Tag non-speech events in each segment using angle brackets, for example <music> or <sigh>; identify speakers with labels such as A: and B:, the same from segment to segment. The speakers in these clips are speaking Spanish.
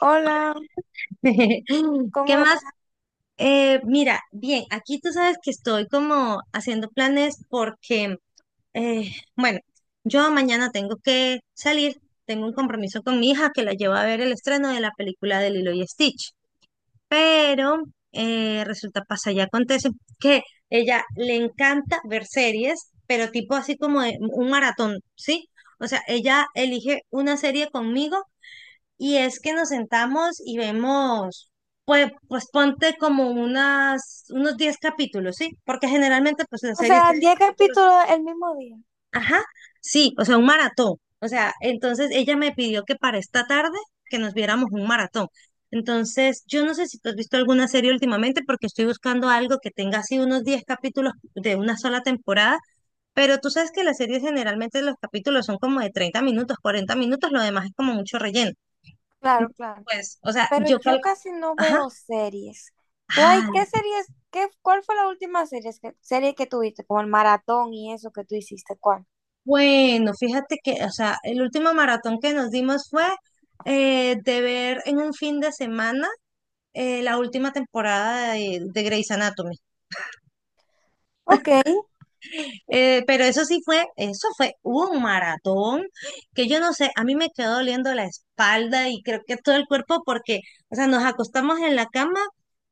A: Hola,
B: <laughs> ¿Qué
A: ¿cómo
B: más?
A: estás?
B: Mira, bien, aquí tú sabes que estoy como haciendo planes porque, eh, bueno, yo mañana tengo que salir, tengo un compromiso con mi hija que la llevo a ver el estreno de la película de Lilo y Stitch, pero resulta, pasa y acontece que ella le encanta ver series, pero tipo así como de un maratón, ¿sí? O sea, ella elige una serie conmigo y es que nos sentamos y vemos, pues ponte como unos 10 capítulos, ¿sí? Porque generalmente pues las
A: O
B: series
A: sea,
B: tienen
A: 10
B: capítulos.
A: capítulos el mismo día.
B: Ajá, sí, o sea, un maratón. O sea, entonces ella me pidió que para esta tarde que nos viéramos un maratón. Entonces, yo no sé si tú has visto alguna serie últimamente porque estoy buscando algo que tenga así unos 10 capítulos de una sola temporada, pero tú sabes que las series generalmente los capítulos son como de 30 minutos, 40 minutos, lo demás es como mucho relleno.
A: Claro,
B: Entonces,
A: claro.
B: pues, o sea,
A: Pero
B: yo
A: yo
B: cal...
A: casi no
B: Ajá.
A: veo series. ¿Tú hay qué
B: Ah,
A: series? Qué, ¿cuál fue la última serie que tuviste? Como el maratón y eso que tú hiciste, ¿cuál?
B: bueno, fíjate que, o sea, el último maratón que nos dimos fue de ver en un fin de semana la última temporada de Grey's Anatomy.
A: Ok,
B: Pero eso sí fue, eso fue un maratón que yo no sé, a mí me quedó doliendo la espalda y creo que todo el cuerpo porque, o sea, nos acostamos en la cama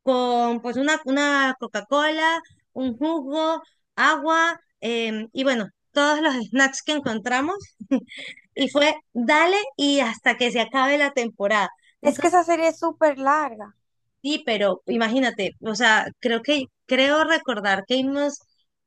B: con pues una Coca-Cola, un jugo, agua y bueno, todos los snacks que encontramos y fue dale y hasta que se acabe la temporada.
A: es que esa serie es súper larga.
B: Sí, pero imagínate, o sea, creo recordar que vimos,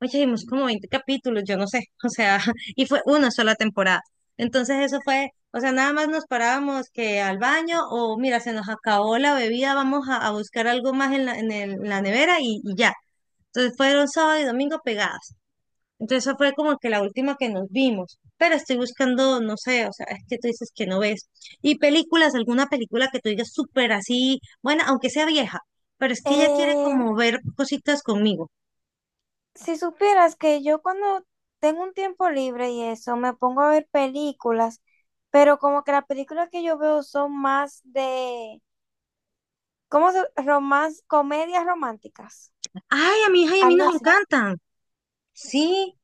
B: oye, vimos como 20 capítulos, yo no sé, <laughs> o sea, y fue una sola temporada. Entonces eso fue, o sea, nada más nos parábamos que al baño o mira, se nos acabó la bebida, vamos a buscar algo más en la nevera y ya. Entonces fueron sábado y domingo pegadas. Entonces esa fue como que la última que nos vimos, pero estoy buscando, no sé, o sea, es que tú dices que no ves. Y películas, alguna película que tú digas súper así, bueno, aunque sea vieja, pero es que ella quiere
A: Eh,
B: como ver cositas conmigo.
A: si supieras que yo cuando tengo un tiempo libre y eso, me pongo a ver películas, pero como que las películas que yo veo son más de, ¿cómo se? Romance, comedias románticas.
B: Ay, a mi hija y a mí
A: Algo
B: nos
A: así.
B: encantan. Sí,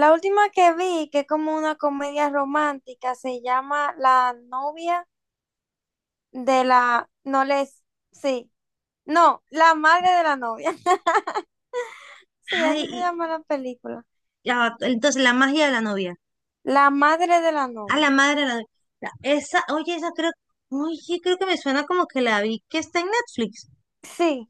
A: La última que vi, que es como una comedia romántica, se llama La novia de la... No les... Sí. No, La madre de la novia. <laughs> Sí,
B: ay,
A: así se llama la película.
B: ya va, entonces la magia de la novia,
A: La madre de la
B: a la
A: novia.
B: madre de la novia. La- Esa, oye, esa creo, oye, creo que me suena como que la vi que está en Netflix.
A: Sí,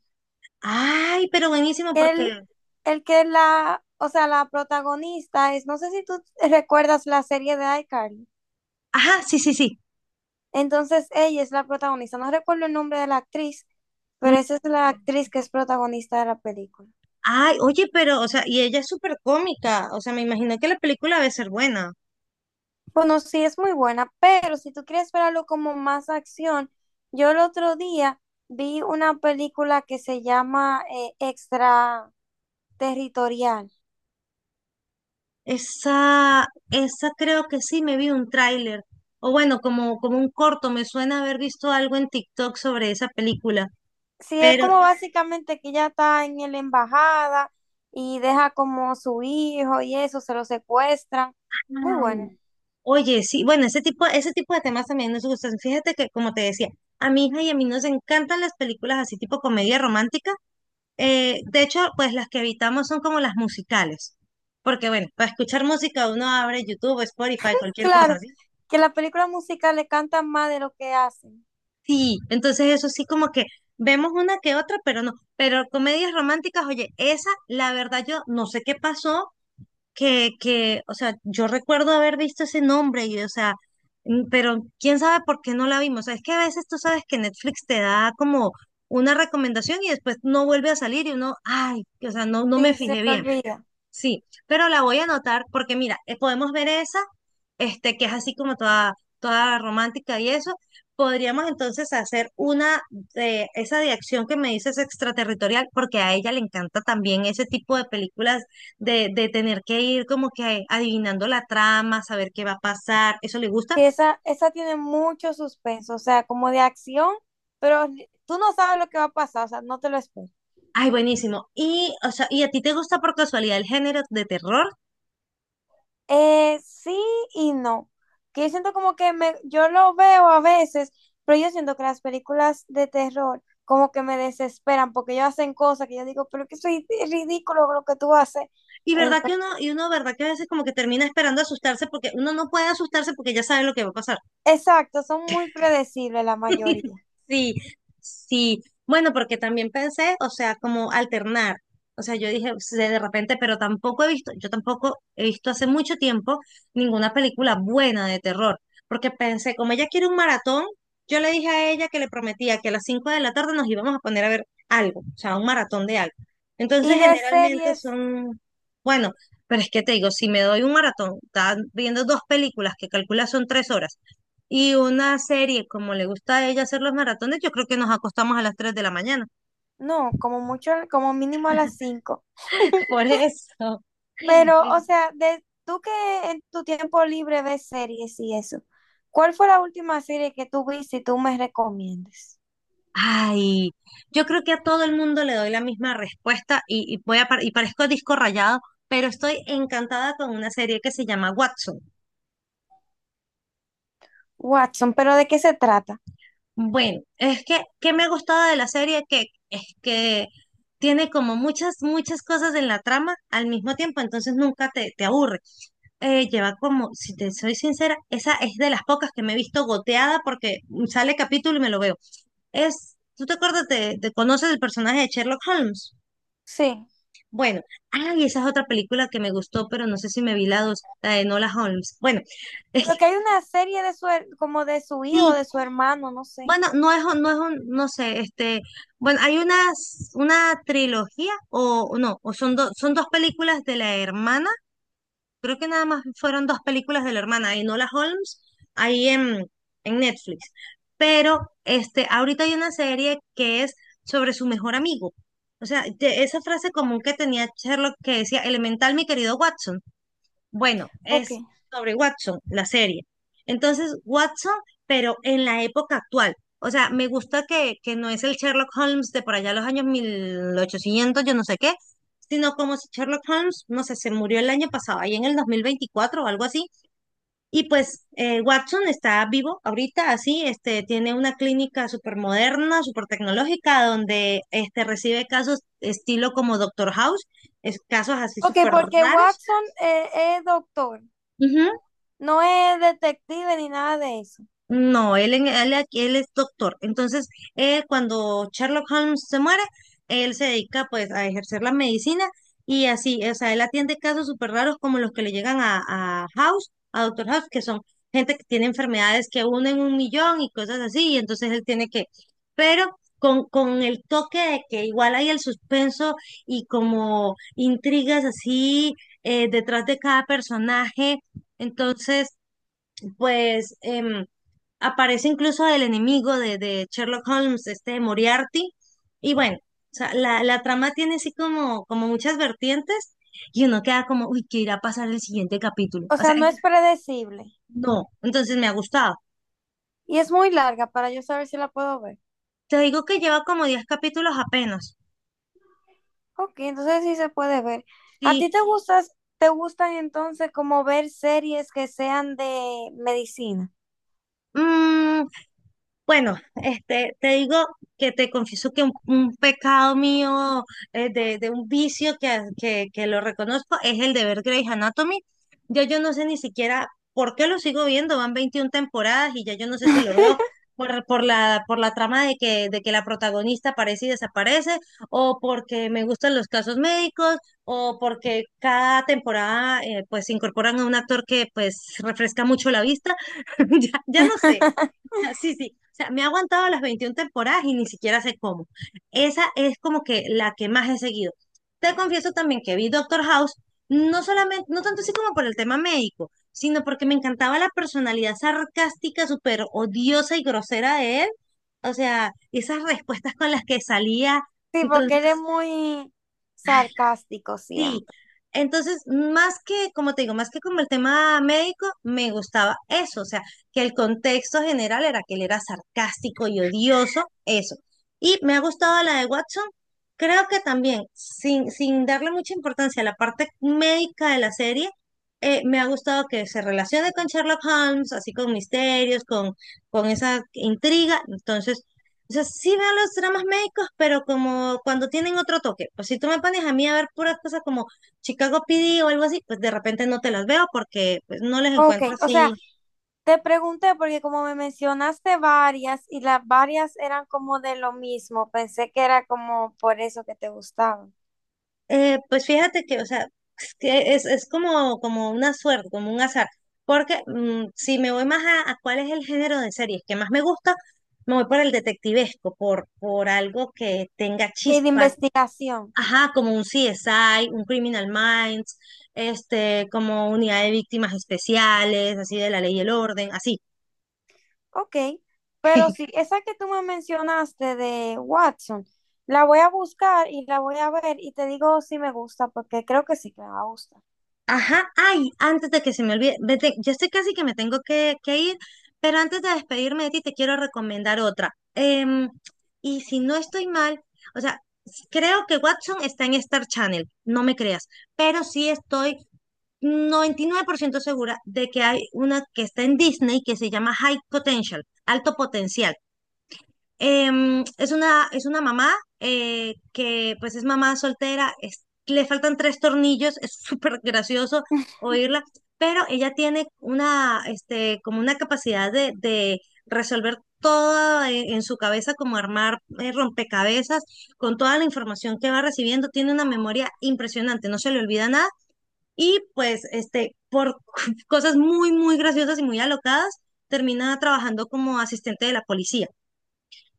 B: Ay, pero buenísimo
A: el,
B: porque,
A: el que la... O sea, la protagonista es... No sé si tú recuerdas la serie de iCarly.
B: ajá, sí, sí, sí.
A: Entonces ella es la protagonista. No recuerdo el nombre de la actriz, pero esa es la actriz que es protagonista de la película.
B: Ay, oye, pero, o sea, y ella es súper cómica, o sea, me imagino que la película debe ser buena.
A: Bueno, sí es muy buena, pero si tú quieres ver algo como más acción, yo el otro día vi una película que se llama Extraterritorial.
B: Esa creo que sí, me vi un tráiler, o bueno, como, como un corto, me suena haber visto algo en TikTok sobre esa película,
A: Sí, es
B: pero,
A: como básicamente que ella está en la embajada y deja como su hijo y eso, se lo secuestran. Muy
B: ay,
A: buena.
B: oye, sí, bueno, ese tipo de temas también nos gustan. Fíjate que, como te decía, a mi hija y a mí nos encantan las películas así tipo comedia romántica. De hecho, pues las que evitamos son como las musicales, porque bueno, para escuchar música uno abre YouTube, Spotify, cualquier cosa,
A: Claro,
B: ¿sí?
A: que la película musical le cantan más de lo que hacen.
B: Sí, entonces eso sí como que vemos una que otra, pero no, pero comedias románticas, oye, esa, la verdad yo no sé qué pasó, o sea, yo recuerdo haber visto ese nombre y, o sea, mm, pero quién sabe por qué no la vimos, o sea, es que a veces tú sabes que Netflix te da como una recomendación y después no vuelve a salir y uno, ay, o sea, no, no me
A: Sí, se
B: fijé
A: le
B: bien.
A: olvida.
B: Sí, pero la voy a anotar porque mira, podemos ver esa, este, que es así como toda, toda romántica y eso. Podríamos entonces hacer una de esa de acción que me dices extraterritorial, porque a ella le encanta también ese tipo de películas de tener que ir como que adivinando la trama, saber qué va a pasar, eso le gusta.
A: Sí, esa tiene mucho suspenso, o sea, como de acción, pero tú no sabes lo que va a pasar, o sea, no te lo espero.
B: Ay, buenísimo. Y, o sea, ¿y a ti te gusta por casualidad el género de terror?
A: Sí y no. Que yo siento como que yo lo veo a veces, pero yo siento que las películas de terror como que me desesperan porque ellos hacen cosas que yo digo, pero que soy ridículo lo que tú haces.
B: Y
A: Ent-
B: verdad que uno, verdad que a veces como que termina esperando asustarse porque uno no puede asustarse porque ya sabe lo que va a pasar.
A: exacto, son muy predecibles la mayoría.
B: <laughs> Sí, sí. Bueno, porque también pensé, o sea, como alternar. O sea, yo dije, de repente, pero tampoco he visto, yo tampoco he visto hace mucho tiempo ninguna película buena de terror. Porque pensé, como ella quiere un maratón, yo le dije a ella que le prometía que a las 5 de la tarde nos íbamos a poner a ver algo, o sea, un maratón de algo. Entonces,
A: Y de
B: generalmente
A: series,
B: son, bueno, pero es que te digo, si me doy un maratón, estás viendo dos películas que calcula son tres horas y una serie, como le gusta a ella hacer los maratones, yo creo que nos acostamos a las 3 de la mañana.
A: no, como mucho, como mínimo a las 5.
B: <laughs> Por eso.
A: Pero, o sea, de tú que en tu tiempo libre ves series y eso, ¿cuál fue la última serie que tú viste y tú me recomiendes?
B: Ay, yo creo que a todo el mundo le doy la misma respuesta y parezco disco rayado, pero estoy encantada con una serie que se llama Watson.
A: Watson, ¿pero de qué se trata?
B: Bueno, es que, ¿qué me ha gustado de la serie? Que es que tiene como muchas, muchas cosas en la trama al mismo tiempo, entonces nunca te aburre. Lleva como, si te soy sincera, esa es de las pocas que me he visto goteada porque sale capítulo y me lo veo. Es, ¿tú te acuerdas conoces el personaje de Sherlock Holmes?
A: Sí.
B: Bueno, ay, esa es otra película que me gustó, pero no sé si me vi la dos, la de Nola Holmes. Bueno, <laughs>
A: Pero
B: es-
A: que hay una serie de como de su
B: sí,
A: hijo, de su hermano, no sé.
B: bueno, no es, un- no es un, no sé, este, bueno, hay una trilogía o no, o son dos películas de la hermana. Creo que nada más fueron dos películas de la hermana, de Enola Holmes, ahí en Netflix. Pero este, ahorita hay una serie que es sobre su mejor amigo. O sea, de- esa frase común que tenía Sherlock que decía, elemental, mi querido Watson. Bueno,
A: Ok.
B: es sobre Watson, la serie. Entonces, Watson, pero en la época actual. O sea, me gusta que no es el Sherlock Holmes de por allá los años 1800, yo no sé qué, sino como si Sherlock Holmes, no sé, se murió el año pasado, ahí en el 2024 o algo así. Y pues Watson está vivo ahorita, así, este, tiene una clínica súper moderna, súper tecnológica, donde este, recibe casos estilo como Doctor House, es, casos así
A: Ok,
B: súper
A: porque
B: raros.
A: Watson es doctor,
B: Ujú.
A: no es detective ni nada de eso.
B: No, él es doctor. Entonces, él, cuando Sherlock Holmes se muere, él se dedica pues a ejercer la medicina y así, o sea, él atiende casos súper raros como los que le llegan a House, a Doctor House, que son gente que tiene enfermedades que unen un millón y cosas así, y entonces él tiene que, pero con el toque de que igual hay el suspenso y como intrigas así detrás de cada personaje. Entonces, pues... aparece incluso el enemigo de Sherlock Holmes, este Moriarty, y bueno, o sea, la trama tiene así como, como muchas vertientes y uno queda como, uy, ¿qué irá a pasar el siguiente capítulo?
A: O
B: O
A: sea,
B: sea,
A: no es predecible.
B: no, entonces me ha gustado.
A: Y es muy larga para yo saber si la puedo ver.
B: Te digo que lleva como 10 capítulos apenas.
A: Ok, entonces sí se puede ver. ¿A
B: Sí,
A: ti te gustan entonces como ver series que sean de medicina?
B: bueno, este, te digo que te confieso que un pecado mío, de un vicio que lo reconozco, es el de ver Grey's Anatomy. Yo no sé ni siquiera por qué lo sigo viendo, van 21 temporadas y ya yo no sé si lo veo por la trama de que la protagonista aparece y desaparece, o porque me gustan los casos médicos, o porque cada temporada pues incorporan a un actor que pues refresca mucho la vista. <laughs> Ya, ya no sé.
A: <laughs>
B: <laughs> Sí, sí. O sea, me ha aguantado las 21 temporadas y ni siquiera sé cómo. Esa es como que la que más he seguido. Te confieso también que vi Doctor House, no solamente, no tanto así como por el tema médico, sino porque me encantaba la personalidad sarcástica, súper odiosa y grosera de él. O sea, esas respuestas con las que salía.
A: Sí, porque eres
B: Entonces,
A: muy sarcástico
B: sí,
A: siempre.
B: entonces, más que, como te digo, más que como el tema médico, me gustaba eso, o sea, que el contexto general era que él era sarcástico y odioso, eso. Y me ha gustado la de Watson, creo que también, sin darle mucha importancia a la parte médica de la serie, me ha gustado que se relacione con Sherlock Holmes, así con misterios, con, esa intriga, entonces... O sea, sí veo los dramas médicos, pero como cuando tienen otro toque. Pues si tú me pones a mí a ver puras cosas como Chicago PD o algo así, pues de repente no te las veo porque pues, no les
A: Ok,
B: encuentro
A: o
B: así.
A: sea, te pregunté porque como me mencionaste varias y las varias eran como de lo mismo, pensé que era como por eso que te gustaban.
B: Pues fíjate que, o sea, es, que es como una suerte, como un azar. Porque mm, si me voy más a cuál es el género de series que más me gusta, me voy por el detectivesco, por algo que tenga
A: Y de
B: chispa.
A: investigación,
B: Ajá, como un CSI, un Criminal Minds, este, como unidad de víctimas especiales, así de la ley y el orden, así.
A: ok. Pero sí,
B: <laughs>
A: esa que tú me mencionaste de Watson, la voy a buscar y la voy a ver y te digo si me gusta porque creo que sí que me va a gustar.
B: Ajá, ay, antes de que se me olvide, vete, yo estoy casi que me tengo que ir, pero antes de despedirme de ti, te quiero recomendar otra. Y si no estoy mal, o sea, creo que Watson está en Star Channel, no me creas, pero sí estoy 99% segura de que hay una que está en Disney que se llama High Potential, Alto Potencial. Es una mamá que pues es mamá soltera, le faltan tres tornillos, es súper gracioso oírla, pero ella tiene este, como una capacidad de resolver todo en su cabeza, como armar rompecabezas con toda la información que va recibiendo, tiene una memoria impresionante, no se le olvida nada y pues este, por <laughs> cosas muy, muy graciosas y muy alocadas, termina trabajando como asistente de la policía.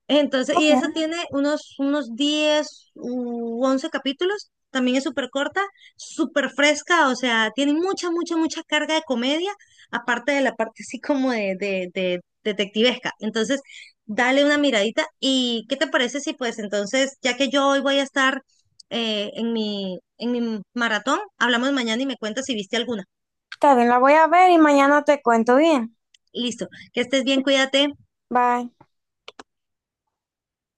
B: Entonces, y
A: Ok,
B: esa tiene unos, 10, u 11 capítulos, también es súper corta, súper fresca, o sea, tiene mucha, mucha, mucha carga de comedia, aparte de la parte así como de, de detectivesca. Entonces, dale una miradita y ¿qué te parece si pues entonces, ya que yo hoy voy a estar en mi maratón, hablamos mañana y me cuentas si viste alguna.
A: está bien, la voy a ver y mañana te cuento bien.
B: Listo, que estés bien, cuídate.
A: Bye.